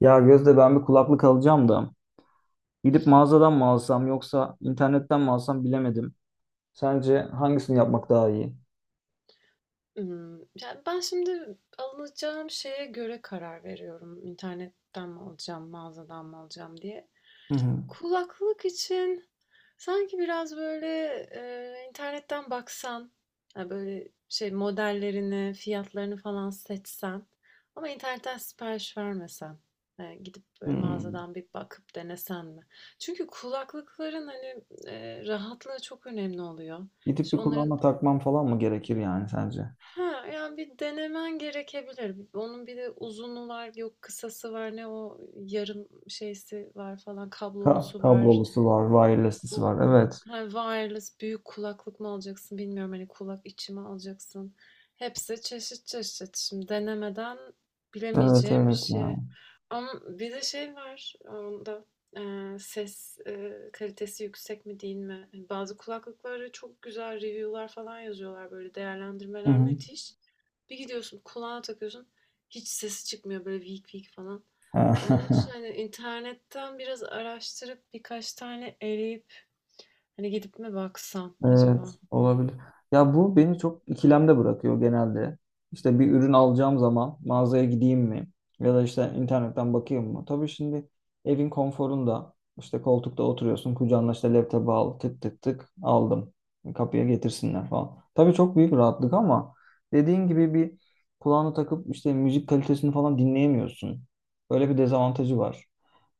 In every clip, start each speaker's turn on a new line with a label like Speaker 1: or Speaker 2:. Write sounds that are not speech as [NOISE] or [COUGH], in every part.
Speaker 1: Ya Gözde ben bir kulaklık alacağım da gidip mağazadan mı alsam yoksa internetten mi alsam bilemedim. Sence hangisini yapmak daha iyi?
Speaker 2: Ya, ben şimdi alacağım şeye göre karar veriyorum. İnternetten mi alacağım, mağazadan mı alacağım diye.
Speaker 1: Hı hı.
Speaker 2: Kulaklık için sanki biraz böyle, internetten baksan, hani, böyle, şey, modellerini, fiyatlarını falan seçsen ama internetten sipariş vermesen, gidip böyle
Speaker 1: Hmm.
Speaker 2: mağazadan bir bakıp denesen mi? Çünkü kulaklıkların, hani, rahatlığı çok önemli oluyor.
Speaker 1: Gidip bir
Speaker 2: İşte, onların.
Speaker 1: kulağıma takmam falan mı gerekir yani sence?
Speaker 2: Ha, yani bir denemen gerekebilir. Onun bir de uzunu var, yok kısası var, ne o yarım şeysi var falan,
Speaker 1: Ka
Speaker 2: kablolusu var.
Speaker 1: kablolusu var, wireless'lısı
Speaker 2: O.
Speaker 1: var. Evet.
Speaker 2: Ha, wireless büyük kulaklık mı alacaksın bilmiyorum. Hani kulak içi mi alacaksın? Hepsi çeşit çeşit. Şimdi denemeden
Speaker 1: Evet,
Speaker 2: bilemeyeceğim bir
Speaker 1: evet ya.
Speaker 2: şey. Ama bir de şey var onda, ses, kalitesi yüksek mi değil mi? Hani bazı kulaklıklara çok güzel review'lar falan yazıyorlar, böyle değerlendirmeler
Speaker 1: Hı
Speaker 2: müthiş. Bir gidiyorsun, kulağına takıyorsun, hiç sesi çıkmıyor, böyle vik vik falan.
Speaker 1: hı.
Speaker 2: Onun için
Speaker 1: [LAUGHS]
Speaker 2: hani internetten biraz araştırıp birkaç tane eleyip hani gidip mi baksam acaba?
Speaker 1: Evet, olabilir. Ya bu beni çok ikilemde bırakıyor genelde. İşte bir ürün alacağım zaman mağazaya gideyim mi? Ya da işte internetten bakayım mı? Tabii şimdi evin konforunda işte koltukta oturuyorsun. Kucağına işte laptopu al. Tık tık tık aldım. Kapıya getirsinler falan. Tabii çok büyük rahatlık ama dediğin gibi bir kulağını takıp işte müzik kalitesini falan dinleyemiyorsun. Böyle bir dezavantajı var.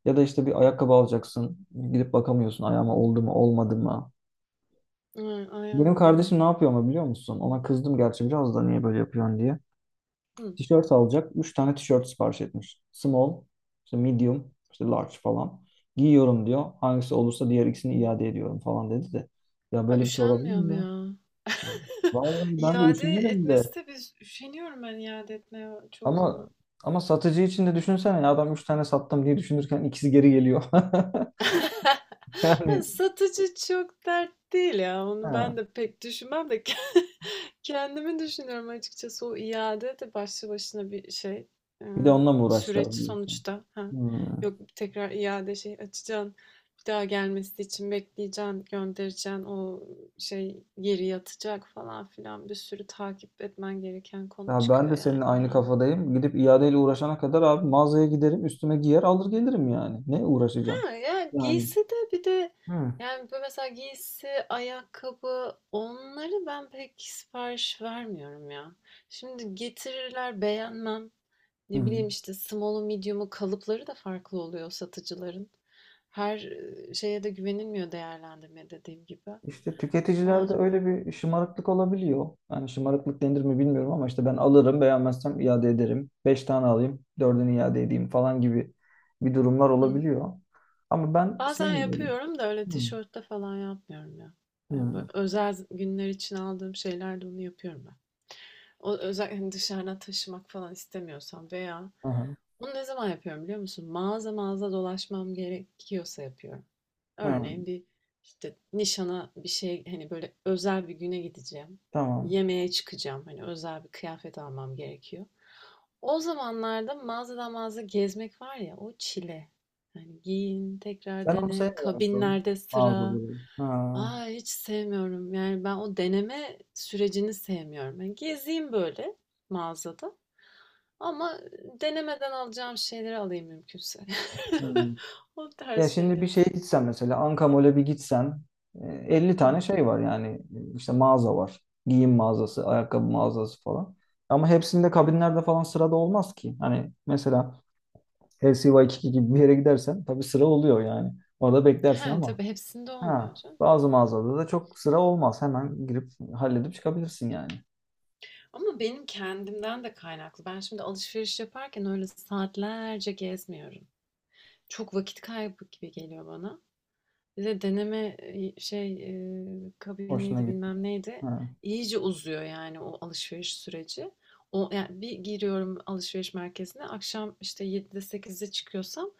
Speaker 1: Ya da işte bir ayakkabı alacaksın. Gidip bakamıyorsun, ayağıma oldu mu olmadı mı?
Speaker 2: Aynen,
Speaker 1: Benim
Speaker 2: aynen öyle.
Speaker 1: kardeşim ne yapıyor ama biliyor musun? Ona kızdım gerçi biraz, da niye böyle yapıyorsun diye.
Speaker 2: Hı.
Speaker 1: Tişört alacak. Üç tane tişört sipariş etmiş. Small, işte medium, işte large falan. Giyiyorum diyor. Hangisi olursa diğer ikisini iade ediyorum falan dedi de. Ya
Speaker 2: A,
Speaker 1: böyle bir şey olabilir
Speaker 2: üşenmiyorum
Speaker 1: mi?
Speaker 2: ya. [LAUGHS]
Speaker 1: Vallahi ben de
Speaker 2: İade
Speaker 1: üşenirim de.
Speaker 2: etmesi de biz üşeniyorum ben iade etmeye çoğu
Speaker 1: Ama
Speaker 2: zaman.
Speaker 1: ama satıcı için de düşünsene, ya adam üç tane sattım diye düşünürken ikisi geri geliyor. [LAUGHS]
Speaker 2: Ha,
Speaker 1: Yani
Speaker 2: satıcı çok dert değil ya. Onu
Speaker 1: ha,
Speaker 2: ben de pek düşünmem de [LAUGHS] kendimi düşünüyorum açıkçası. O iade de başlı başına bir şey, eee,
Speaker 1: bir de onunla mı
Speaker 2: süreç
Speaker 1: uğraşacağız diyorsun?
Speaker 2: sonuçta. Ha,
Speaker 1: Hmm.
Speaker 2: yok, tekrar iade şey açacaksın, bir daha gelmesi için bekleyeceksin, göndereceksin, o şey geri yatacak falan filan, bir sürü takip etmen gereken konu
Speaker 1: Ya ben
Speaker 2: çıkıyor
Speaker 1: de senin
Speaker 2: yani
Speaker 1: aynı
Speaker 2: yani.
Speaker 1: kafadayım. Gidip iadeyle uğraşana kadar abi mağazaya giderim, üstüme giyer, alır gelirim yani. Ne uğraşacağım?
Speaker 2: Ha, yani
Speaker 1: Yani
Speaker 2: giysi de bir de,
Speaker 1: hı,
Speaker 2: yani böyle mesela giysi, ayakkabı, onları ben pek sipariş vermiyorum ya. Şimdi getirirler, beğenmem. Ne
Speaker 1: hı.
Speaker 2: bileyim, işte small'u, medium'u, kalıpları da farklı oluyor satıcıların. Her şeye de güvenilmiyor, değerlendirme dediğim gibi.
Speaker 1: İşte
Speaker 2: Ama.
Speaker 1: tüketicilerde öyle bir şımarıklık olabiliyor. Yani şımarıklık denir mi bilmiyorum ama işte ben alırım, beğenmezsem iade ederim. Beş tane alayım, dördünü iade edeyim falan gibi bir durumlar
Speaker 2: Hı.
Speaker 1: olabiliyor. Ama ben
Speaker 2: Bazen
Speaker 1: sevmiyorum.
Speaker 2: yapıyorum da öyle
Speaker 1: Hı,
Speaker 2: tişörtte falan yapmıyorum ya. Yani böyle
Speaker 1: hı,
Speaker 2: özel günler için aldığım şeylerde onu yapıyorum ben. O özellikle hani dışarıdan taşımak falan istemiyorsam veya
Speaker 1: aha,
Speaker 2: bunu ne zaman yapıyorum biliyor musun? Mağaza mağaza dolaşmam gerekiyorsa yapıyorum.
Speaker 1: hı,
Speaker 2: Örneğin bir işte nişana bir şey, hani böyle özel bir güne gideceğim.
Speaker 1: tamam.
Speaker 2: Yemeğe çıkacağım. Hani özel bir kıyafet almam gerekiyor. O zamanlarda mağazadan mağaza gezmek var ya, o çile. Yani giyin, tekrar
Speaker 1: Sen onu
Speaker 2: dene,
Speaker 1: sevmiyor musun?
Speaker 2: kabinlerde sıra.
Speaker 1: Mağazaları. Ha,
Speaker 2: Aa, hiç sevmiyorum. Yani ben o deneme sürecini sevmiyorum. Yani gezeyim böyle mağazada. Ama denemeden alacağım şeyleri alayım mümkünse.
Speaker 1: hı.
Speaker 2: [LAUGHS] O
Speaker 1: Ya
Speaker 2: tarz
Speaker 1: şimdi bir
Speaker 2: şeyleri
Speaker 1: şeye
Speaker 2: seviyorum.
Speaker 1: gitsen, mesela Ankamol'e bir gitsen, 50
Speaker 2: Hı.
Speaker 1: tane şey var yani. İşte mağaza var. Giyim mağazası, ayakkabı mağazası falan. Ama hepsinde kabinlerde falan sırada olmaz ki. Hani mesela LCY2 gibi bir yere gidersen tabii sıra oluyor yani. Orada
Speaker 2: He,
Speaker 1: beklersin ama
Speaker 2: tabii hepsinde olmuyor
Speaker 1: ha,
Speaker 2: canım.
Speaker 1: bazı mağazada da çok sıra olmaz. Hemen girip halledip çıkabilirsin yani.
Speaker 2: Ama benim kendimden de kaynaklı. Ben şimdi alışveriş yaparken öyle saatlerce gezmiyorum. Çok vakit kaybı gibi geliyor bana. Bir de deneme, şey,
Speaker 1: Hoşuna
Speaker 2: kabiniydi,
Speaker 1: gitti.
Speaker 2: bilmem neydi.
Speaker 1: Ha.
Speaker 2: İyice uzuyor yani o alışveriş süreci. O, yani bir giriyorum alışveriş merkezine, akşam işte 7'de sekizde çıkıyorsam,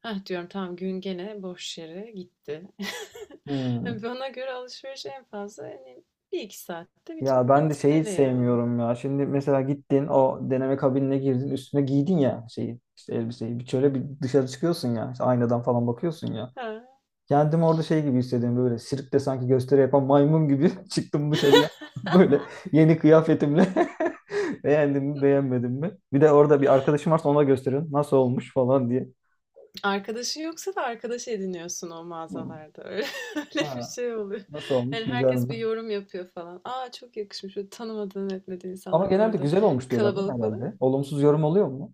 Speaker 2: heh diyorum, tamam gün gene boş yere gitti. [LAUGHS]
Speaker 1: Hmm.
Speaker 2: Hani bana göre alışveriş en fazla hani bir iki saatte bitme,
Speaker 1: Ya ben de şeyi hiç
Speaker 2: bitmeli yani.
Speaker 1: sevmiyorum ya. Şimdi mesela gittin, o deneme kabinine girdin, üstüne giydin ya şeyi, işte elbiseyi. Bir şöyle bir dışarı çıkıyorsun ya. İşte aynadan falan bakıyorsun ya.
Speaker 2: Ha.
Speaker 1: Kendimi orada şey gibi hissediyorum, böyle sirkte sanki gösteri yapan maymun gibi [LAUGHS] çıktım dışarıya. [LAUGHS]
Speaker 2: [LAUGHS]
Speaker 1: Böyle yeni kıyafetimle [LAUGHS] beğendim mi beğenmedim mi? Bir de orada bir arkadaşım varsa ona gösterin nasıl olmuş falan diye.
Speaker 2: Arkadaşın yoksa da arkadaş ediniyorsun o
Speaker 1: Hı.
Speaker 2: mağazalarda. Öyle, [LAUGHS] öyle bir
Speaker 1: Ha,
Speaker 2: şey oluyor.
Speaker 1: nasıl olmuş,
Speaker 2: Yani
Speaker 1: güzel
Speaker 2: herkes
Speaker 1: mi?
Speaker 2: bir yorum yapıyor falan. Aa, çok yakışmış. Böyle tanımadığın etmediğin
Speaker 1: Ama
Speaker 2: insanlar da
Speaker 1: genelde
Speaker 2: orada
Speaker 1: güzel olmuş diyorlar değil mi
Speaker 2: kalabalık oluyor
Speaker 1: herhalde?
Speaker 2: ya.
Speaker 1: Olumsuz yorum oluyor mu?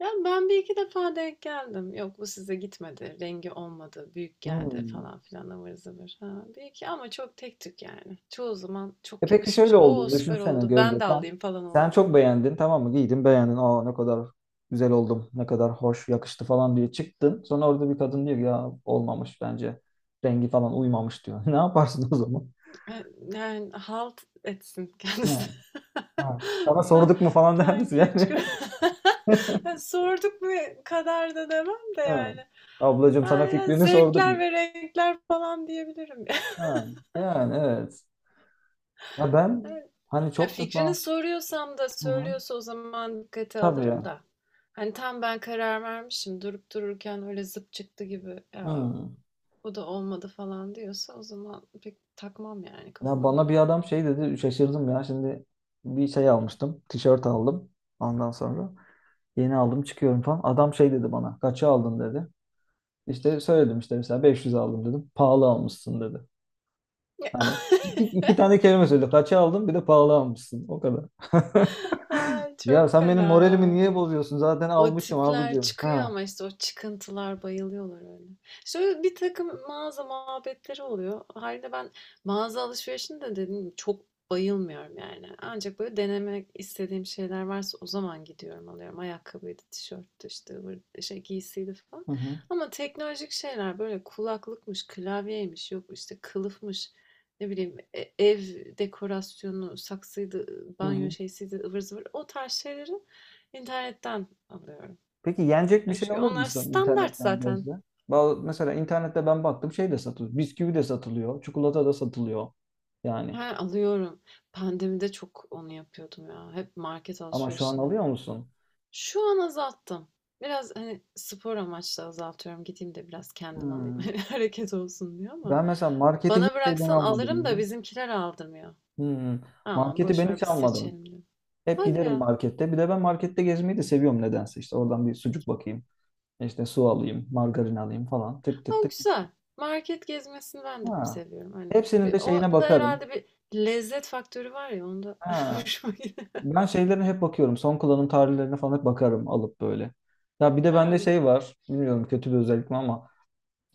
Speaker 2: Ya ben bir iki defa denk geldim. Yok bu size gitmedi. Rengi olmadı. Büyük geldi
Speaker 1: Hmm.
Speaker 2: falan filan ıvır zıvır. Ha, bir iki, ama çok tek tük yani. Çoğu zaman
Speaker 1: E
Speaker 2: çok
Speaker 1: peki,
Speaker 2: yakışmış.
Speaker 1: şöyle
Speaker 2: Oo
Speaker 1: oldu.
Speaker 2: süper
Speaker 1: Düşünsene
Speaker 2: oldu.
Speaker 1: Gözde
Speaker 2: Ben de
Speaker 1: sen.
Speaker 2: alayım falan
Speaker 1: Sen
Speaker 2: oluyorlar.
Speaker 1: çok beğendin, tamam mı? Giydin, beğendin. Aa ne kadar güzel oldum. Ne kadar hoş yakıştı falan diye çıktın. Sonra orada bir kadın diyor ki, ya olmamış bence. Rengi falan uymamış diyor. [LAUGHS] Ne yaparsın o zaman?
Speaker 2: Eee, yani, halt etsin kendisi.
Speaker 1: Ha, ha.
Speaker 2: [LAUGHS]
Speaker 1: Sana
Speaker 2: Ben
Speaker 1: sorduk mu falan [LAUGHS] der
Speaker 2: ben
Speaker 1: misin
Speaker 2: giyip
Speaker 1: yani?
Speaker 2: çıkıyorum. [LAUGHS] Ya,
Speaker 1: [LAUGHS]
Speaker 2: sorduk mu kadar da demem de
Speaker 1: Ha.
Speaker 2: yani.
Speaker 1: Ablacığım,
Speaker 2: Ha,
Speaker 1: sana
Speaker 2: ya,
Speaker 1: fikrini sorduk
Speaker 2: zevkler
Speaker 1: mu?
Speaker 2: ve renkler falan diyebilirim. [LAUGHS]
Speaker 1: Ha. Yani evet. Ya ben
Speaker 2: Evet.
Speaker 1: hani
Speaker 2: Ha,
Speaker 1: çok
Speaker 2: fikrini
Speaker 1: defa.
Speaker 2: soruyorsam da
Speaker 1: Hı hı.
Speaker 2: söylüyorsa o zaman dikkate
Speaker 1: Tabii
Speaker 2: alırım
Speaker 1: ya.
Speaker 2: da. Hani, tam ben karar vermişim, durup dururken öyle zıp çıktı gibi, "Ya,
Speaker 1: Hı.
Speaker 2: bu da olmadı." falan diyorsa o zaman pek takmam yani
Speaker 1: Ya
Speaker 2: kafama.
Speaker 1: bana bir adam şey dedi, şaşırdım ya. Şimdi bir şey almıştım, tişört aldım, ondan sonra yeni aldım, çıkıyorum falan, adam şey dedi bana, kaça aldın dedi. İşte söyledim işte, mesela 500 aldım dedim, pahalı almışsın dedi. Hani iki,
Speaker 2: [LAUGHS]
Speaker 1: iki tane kelime söyledi, kaça aldım, bir de pahalı almışsın, o kadar. [LAUGHS]
Speaker 2: Ay,
Speaker 1: Ya
Speaker 2: çok
Speaker 1: sen benim
Speaker 2: fena
Speaker 1: moralimi
Speaker 2: ya.
Speaker 1: niye bozuyorsun, zaten
Speaker 2: O
Speaker 1: almışım
Speaker 2: tipler
Speaker 1: abicim,
Speaker 2: çıkıyor,
Speaker 1: ha.
Speaker 2: ama işte o çıkıntılar, bayılıyorlar öyle. Şöyle bir takım mağaza muhabbetleri oluyor. Hâliyle ben mağaza alışverişini de dedim gibi çok bayılmıyorum yani. Ancak böyle denemek istediğim şeyler varsa o zaman gidiyorum alıyorum. Ayakkabıydı, tişörttü işte, ıvır şey giysiydi falan.
Speaker 1: Hı hı.
Speaker 2: Ama teknolojik şeyler, böyle kulaklıkmış, klavyeymiş, yok işte kılıfmış, ne bileyim ev dekorasyonu, saksıydı,
Speaker 1: Hı
Speaker 2: banyo
Speaker 1: hı.
Speaker 2: şeysiydi, ıvır zıvır. O tarz şeyleri internetten alıyorum.
Speaker 1: Peki, yenecek bir
Speaker 2: Hani,
Speaker 1: şey
Speaker 2: çünkü
Speaker 1: alır
Speaker 2: onlar
Speaker 1: mısın
Speaker 2: standart
Speaker 1: internetten
Speaker 2: zaten.
Speaker 1: gözle? Mesela internette ben baktım, şey de satılıyor. Bisküvi de satılıyor. Çikolata da satılıyor. Yani.
Speaker 2: He, alıyorum. Pandemide çok onu yapıyordum ya. Hep market
Speaker 1: Ama şu an
Speaker 2: alışverişini.
Speaker 1: alıyor musun?
Speaker 2: Şu an azalttım. Biraz, hani, spor amaçlı azaltıyorum. Gideyim de biraz kendim alayım. [LAUGHS]
Speaker 1: Hmm.
Speaker 2: Hani, hareket olsun diyor, ama
Speaker 1: Ben mesela marketi
Speaker 2: bana
Speaker 1: hiç şeyden
Speaker 2: bıraksan alırım
Speaker 1: almadım
Speaker 2: da
Speaker 1: ya.
Speaker 2: bizimkiler aldırmıyor.
Speaker 1: Hmm.
Speaker 2: Aman,
Speaker 1: Marketi
Speaker 2: boş
Speaker 1: ben
Speaker 2: ver,
Speaker 1: hiç
Speaker 2: biz
Speaker 1: almadım.
Speaker 2: seçelim diyor.
Speaker 1: Hep
Speaker 2: Hadi
Speaker 1: giderim
Speaker 2: ya.
Speaker 1: markette. Bir de ben markette gezmeyi de seviyorum nedense. İşte oradan bir sucuk bakayım. İşte su alayım, margarin alayım falan. Tık tık
Speaker 2: Ama
Speaker 1: tık.
Speaker 2: güzel. Market gezmesini ben de
Speaker 1: Ha.
Speaker 2: seviyorum. Hani,
Speaker 1: Hepsinin
Speaker 2: bir
Speaker 1: de şeyine
Speaker 2: o da
Speaker 1: bakarım.
Speaker 2: herhalde bir lezzet faktörü var ya onda [LAUGHS]
Speaker 1: Ha.
Speaker 2: hoşuma gidiyor.
Speaker 1: Ben şeylerine hep bakıyorum. Son kullanım tarihlerine falan hep bakarım alıp böyle. Ya bir de bende
Speaker 2: He.
Speaker 1: şey var. Bilmiyorum, kötü bir özellik mi ama.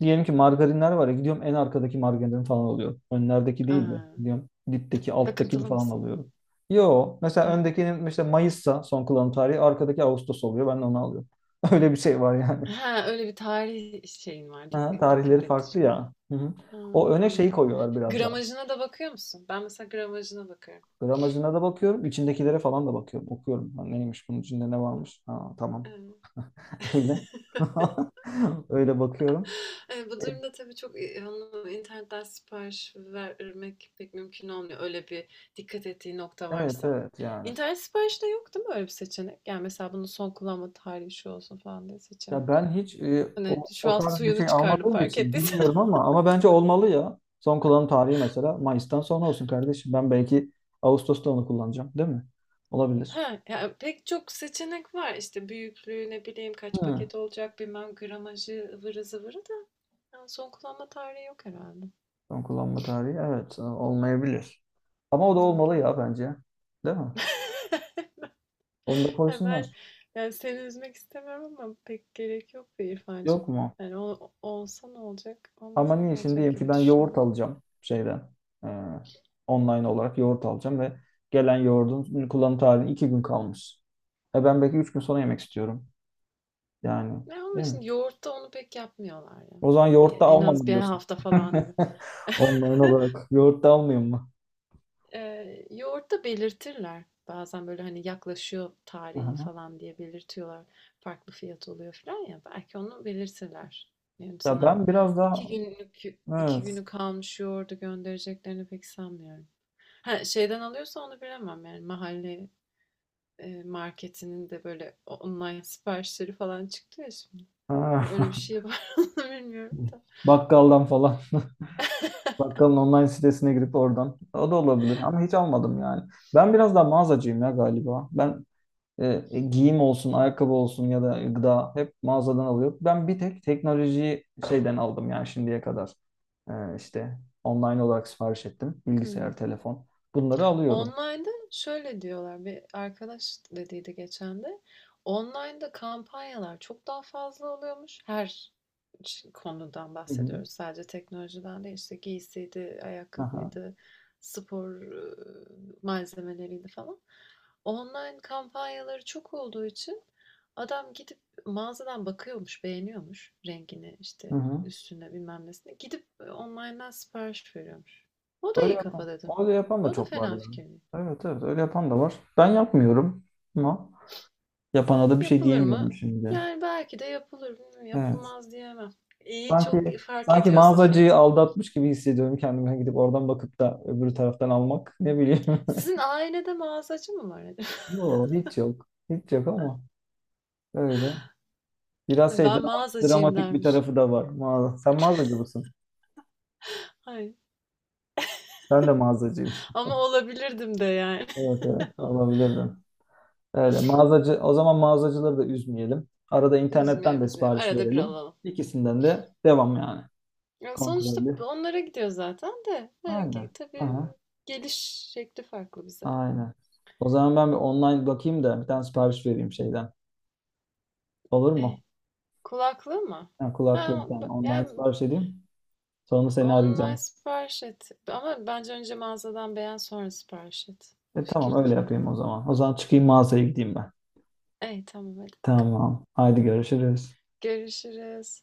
Speaker 1: Diyelim ki margarinler var ya, gidiyorum en arkadaki margarini falan alıyorum. Önlerdeki değil de
Speaker 2: A!
Speaker 1: gidiyorum dipteki alttakini
Speaker 2: Takıntılı
Speaker 1: falan
Speaker 2: mısın ama?
Speaker 1: alıyorum. Yo, mesela
Speaker 2: Ha.
Speaker 1: öndekinin işte Mayıs'sa son kullanım tarihi, arkadaki Ağustos oluyor, ben de onu alıyorum. [LAUGHS] Öyle bir şey var yani.
Speaker 2: He, öyle bir tarih şeyin var, dik
Speaker 1: Ha, tarihleri
Speaker 2: dikkat
Speaker 1: farklı
Speaker 2: etmişim.
Speaker 1: ya. Hı hı.
Speaker 2: Ha,
Speaker 1: O öne şeyi
Speaker 2: anladım.
Speaker 1: koyuyorlar biraz daha.
Speaker 2: Gramajına da bakıyor musun? Ben mesela gramajına bakarım.
Speaker 1: Gramajına da bakıyorum. İçindekilere falan da bakıyorum. Okuyorum. Ha, neymiş bunun içinde, ne varmış? Ha, tamam.
Speaker 2: Evet.
Speaker 1: [LAUGHS] Öyle. [LAUGHS] Öyle bakıyorum.
Speaker 2: Bu durumda tabii çok, onu internetten sipariş vermek pek mümkün olmuyor, öyle bir dikkat ettiği nokta
Speaker 1: Evet
Speaker 2: varsa.
Speaker 1: evet yani.
Speaker 2: İnternet siparişte yok değil mi öyle bir seçenek? Yani mesela bunun son kullanma tarihi şu olsun falan diye
Speaker 1: Ya
Speaker 2: seçemiyorsun.
Speaker 1: ben hiç e,
Speaker 2: Hani
Speaker 1: o,
Speaker 2: şu
Speaker 1: o
Speaker 2: an
Speaker 1: tarz bir
Speaker 2: suyunu
Speaker 1: şey
Speaker 2: çıkardım,
Speaker 1: almadığım
Speaker 2: fark
Speaker 1: için
Speaker 2: ettiysen.
Speaker 1: bilmiyorum, ama bence olmalı ya. Son kullanım tarihi mesela Mayıs'tan sonra olsun kardeşim. Ben belki Ağustos'ta onu kullanacağım, değil mi? Olabilir.
Speaker 2: Ha, ya pek çok seçenek var. İşte büyüklüğü, ne bileyim kaç
Speaker 1: Hmm.
Speaker 2: paket olacak, bilmem gramajı ıvırı zıvırı da, yani son kullanma tarihi yok herhalde.
Speaker 1: Son kullanma tarihi evet, olmayabilir. Ama o da olmalı
Speaker 2: Nargilenin.
Speaker 1: ya bence. Değil mi?
Speaker 2: [LAUGHS]
Speaker 1: Onu da
Speaker 2: Ya ben,
Speaker 1: koysunlar.
Speaker 2: yani seni üzmek istemiyorum ama pek gerek yok be İrfancığım.
Speaker 1: Yok mu?
Speaker 2: Yani olsa ne olacak,
Speaker 1: Ama
Speaker 2: olmasa ne
Speaker 1: niye şimdi
Speaker 2: olacak
Speaker 1: diyelim ki
Speaker 2: gibi
Speaker 1: ben yoğurt
Speaker 2: düşünüyorum.
Speaker 1: alacağım şeyden, e, online olarak yoğurt alacağım ve gelen yoğurdun kullanım tarihine iki gün kalmış. E ben belki üç gün sonra yemek istiyorum. Yani
Speaker 2: Ne ama,
Speaker 1: değil mi?
Speaker 2: şimdi yoğurtta onu pek yapmıyorlar ya.
Speaker 1: O zaman
Speaker 2: Yani
Speaker 1: yoğurt da
Speaker 2: en az
Speaker 1: almam
Speaker 2: bir
Speaker 1: diyorsun.
Speaker 2: hafta falan gibi.
Speaker 1: [LAUGHS] Online
Speaker 2: [LAUGHS]
Speaker 1: olarak yoğurt da almayayım mı?
Speaker 2: Yoğurtta belirtirler. Bazen böyle hani yaklaşıyor tarihi
Speaker 1: Aha.
Speaker 2: falan diye belirtiyorlar. Farklı fiyat oluyor falan ya. Belki onu belirtirler. Yani
Speaker 1: Ya
Speaker 2: sana
Speaker 1: ben biraz daha
Speaker 2: iki günlük, iki
Speaker 1: evet.
Speaker 2: günü kalmış yoğurdu göndereceklerini pek sanmıyorum. Ha, şeyden alıyorsa onu bilemem, yani mahalle marketinin de böyle online [LAUGHS] siparişleri falan çıktı ya şimdi.
Speaker 1: Ha.
Speaker 2: Hani öyle bir şey var, [LAUGHS] onu bilmiyorum
Speaker 1: [LAUGHS]
Speaker 2: da.
Speaker 1: Bakkaldan falan. [LAUGHS] Bakkalın online sitesine girip oradan. O da olabilir ama hiç almadım yani. Ben biraz daha mağazacıyım ya galiba. Ben giyim olsun, ayakkabı olsun ya da gıda hep mağazadan alıyor. Ben bir tek teknolojiyi şeyden aldım yani şimdiye kadar. İşte online olarak sipariş ettim.
Speaker 2: Hı.
Speaker 1: Bilgisayar, telefon. Bunları alıyorum.
Speaker 2: Online'da şöyle diyorlar, bir arkadaş dediydi geçen de, online'da kampanyalar çok daha fazla oluyormuş. Her konudan
Speaker 1: Hı hı.
Speaker 2: bahsediyoruz. Sadece teknolojiden değil, işte giysiydi,
Speaker 1: Aha.
Speaker 2: ayakkabıydı, spor malzemeleriydi falan. Online kampanyaları çok olduğu için adam gidip mağazadan bakıyormuş, beğeniyormuş rengini,
Speaker 1: Hı
Speaker 2: işte
Speaker 1: hı.
Speaker 2: üstüne bilmem nesine. Gidip online'dan sipariş veriyormuş. O da
Speaker 1: Öyle
Speaker 2: iyi
Speaker 1: yapan.
Speaker 2: kafa dedim.
Speaker 1: Öyle yapan da
Speaker 2: O da
Speaker 1: çok var
Speaker 2: fena
Speaker 1: yani.
Speaker 2: fikir değil.
Speaker 1: Evet evet öyle yapan da var. Ben yapmıyorum ama yapana da bir şey
Speaker 2: Yapılır mı?
Speaker 1: diyemiyorum şimdi.
Speaker 2: Yani belki de yapılır. Bilmiyorum,
Speaker 1: Evet.
Speaker 2: yapılmaz diyemem. İyi, çok
Speaker 1: Sanki
Speaker 2: iyi fark
Speaker 1: sanki
Speaker 2: ediyorsa
Speaker 1: mağazacıyı
Speaker 2: fiyatı.
Speaker 1: aldatmış gibi hissediyorum kendime, gidip oradan bakıp da öbür taraftan almak. Ne bileyim. [LAUGHS]
Speaker 2: Sizin ailede mağazacı mı var acaba?
Speaker 1: Yok, hiç yok. Hiç yok ama
Speaker 2: [LAUGHS]
Speaker 1: öyle. Biraz şey,
Speaker 2: Ben
Speaker 1: dramatik,
Speaker 2: mağazacıyım
Speaker 1: dramatik bir
Speaker 2: dermişim.
Speaker 1: tarafı da var. Mağaza. Sen mağazacı mısın?
Speaker 2: Hayır.
Speaker 1: Ben de mağazacıyım.
Speaker 2: Ama olabilirdim de yani.
Speaker 1: Evet evet
Speaker 2: [LAUGHS]
Speaker 1: olabilirdim. Öyle mağazacı, o zaman mağazacıları da üzmeyelim. Arada internetten
Speaker 2: Üzmeyelim,
Speaker 1: de
Speaker 2: üzmeyelim.
Speaker 1: sipariş
Speaker 2: Arada bir
Speaker 1: verelim.
Speaker 2: alalım.
Speaker 1: İkisinden de devam yani.
Speaker 2: Ya sonuçta
Speaker 1: Kontrollü.
Speaker 2: onlara gidiyor zaten de. Yani
Speaker 1: Aynen.
Speaker 2: ki tabii
Speaker 1: Aha,
Speaker 2: geliş şekli farklı bize.
Speaker 1: aynen. O zaman ben bir online bakayım da bir tane sipariş vereyim şeyden. Olur
Speaker 2: E,
Speaker 1: mu?
Speaker 2: kulaklığı mı?
Speaker 1: Yani
Speaker 2: Ha,
Speaker 1: kulaklığından online
Speaker 2: yani
Speaker 1: sipariş edeyim. Sonra seni
Speaker 2: online
Speaker 1: arayacağım.
Speaker 2: sipariş et. Ama bence önce mağazadan beğen, sonra sipariş et. O
Speaker 1: E
Speaker 2: fikir
Speaker 1: tamam,
Speaker 2: de
Speaker 1: öyle
Speaker 2: fena.
Speaker 1: yapayım o zaman. O zaman çıkayım, mağazaya gideyim ben.
Speaker 2: İyi, tamam, hadi bakalım.
Speaker 1: Tamam. Haydi, görüşürüz.
Speaker 2: Görüşürüz.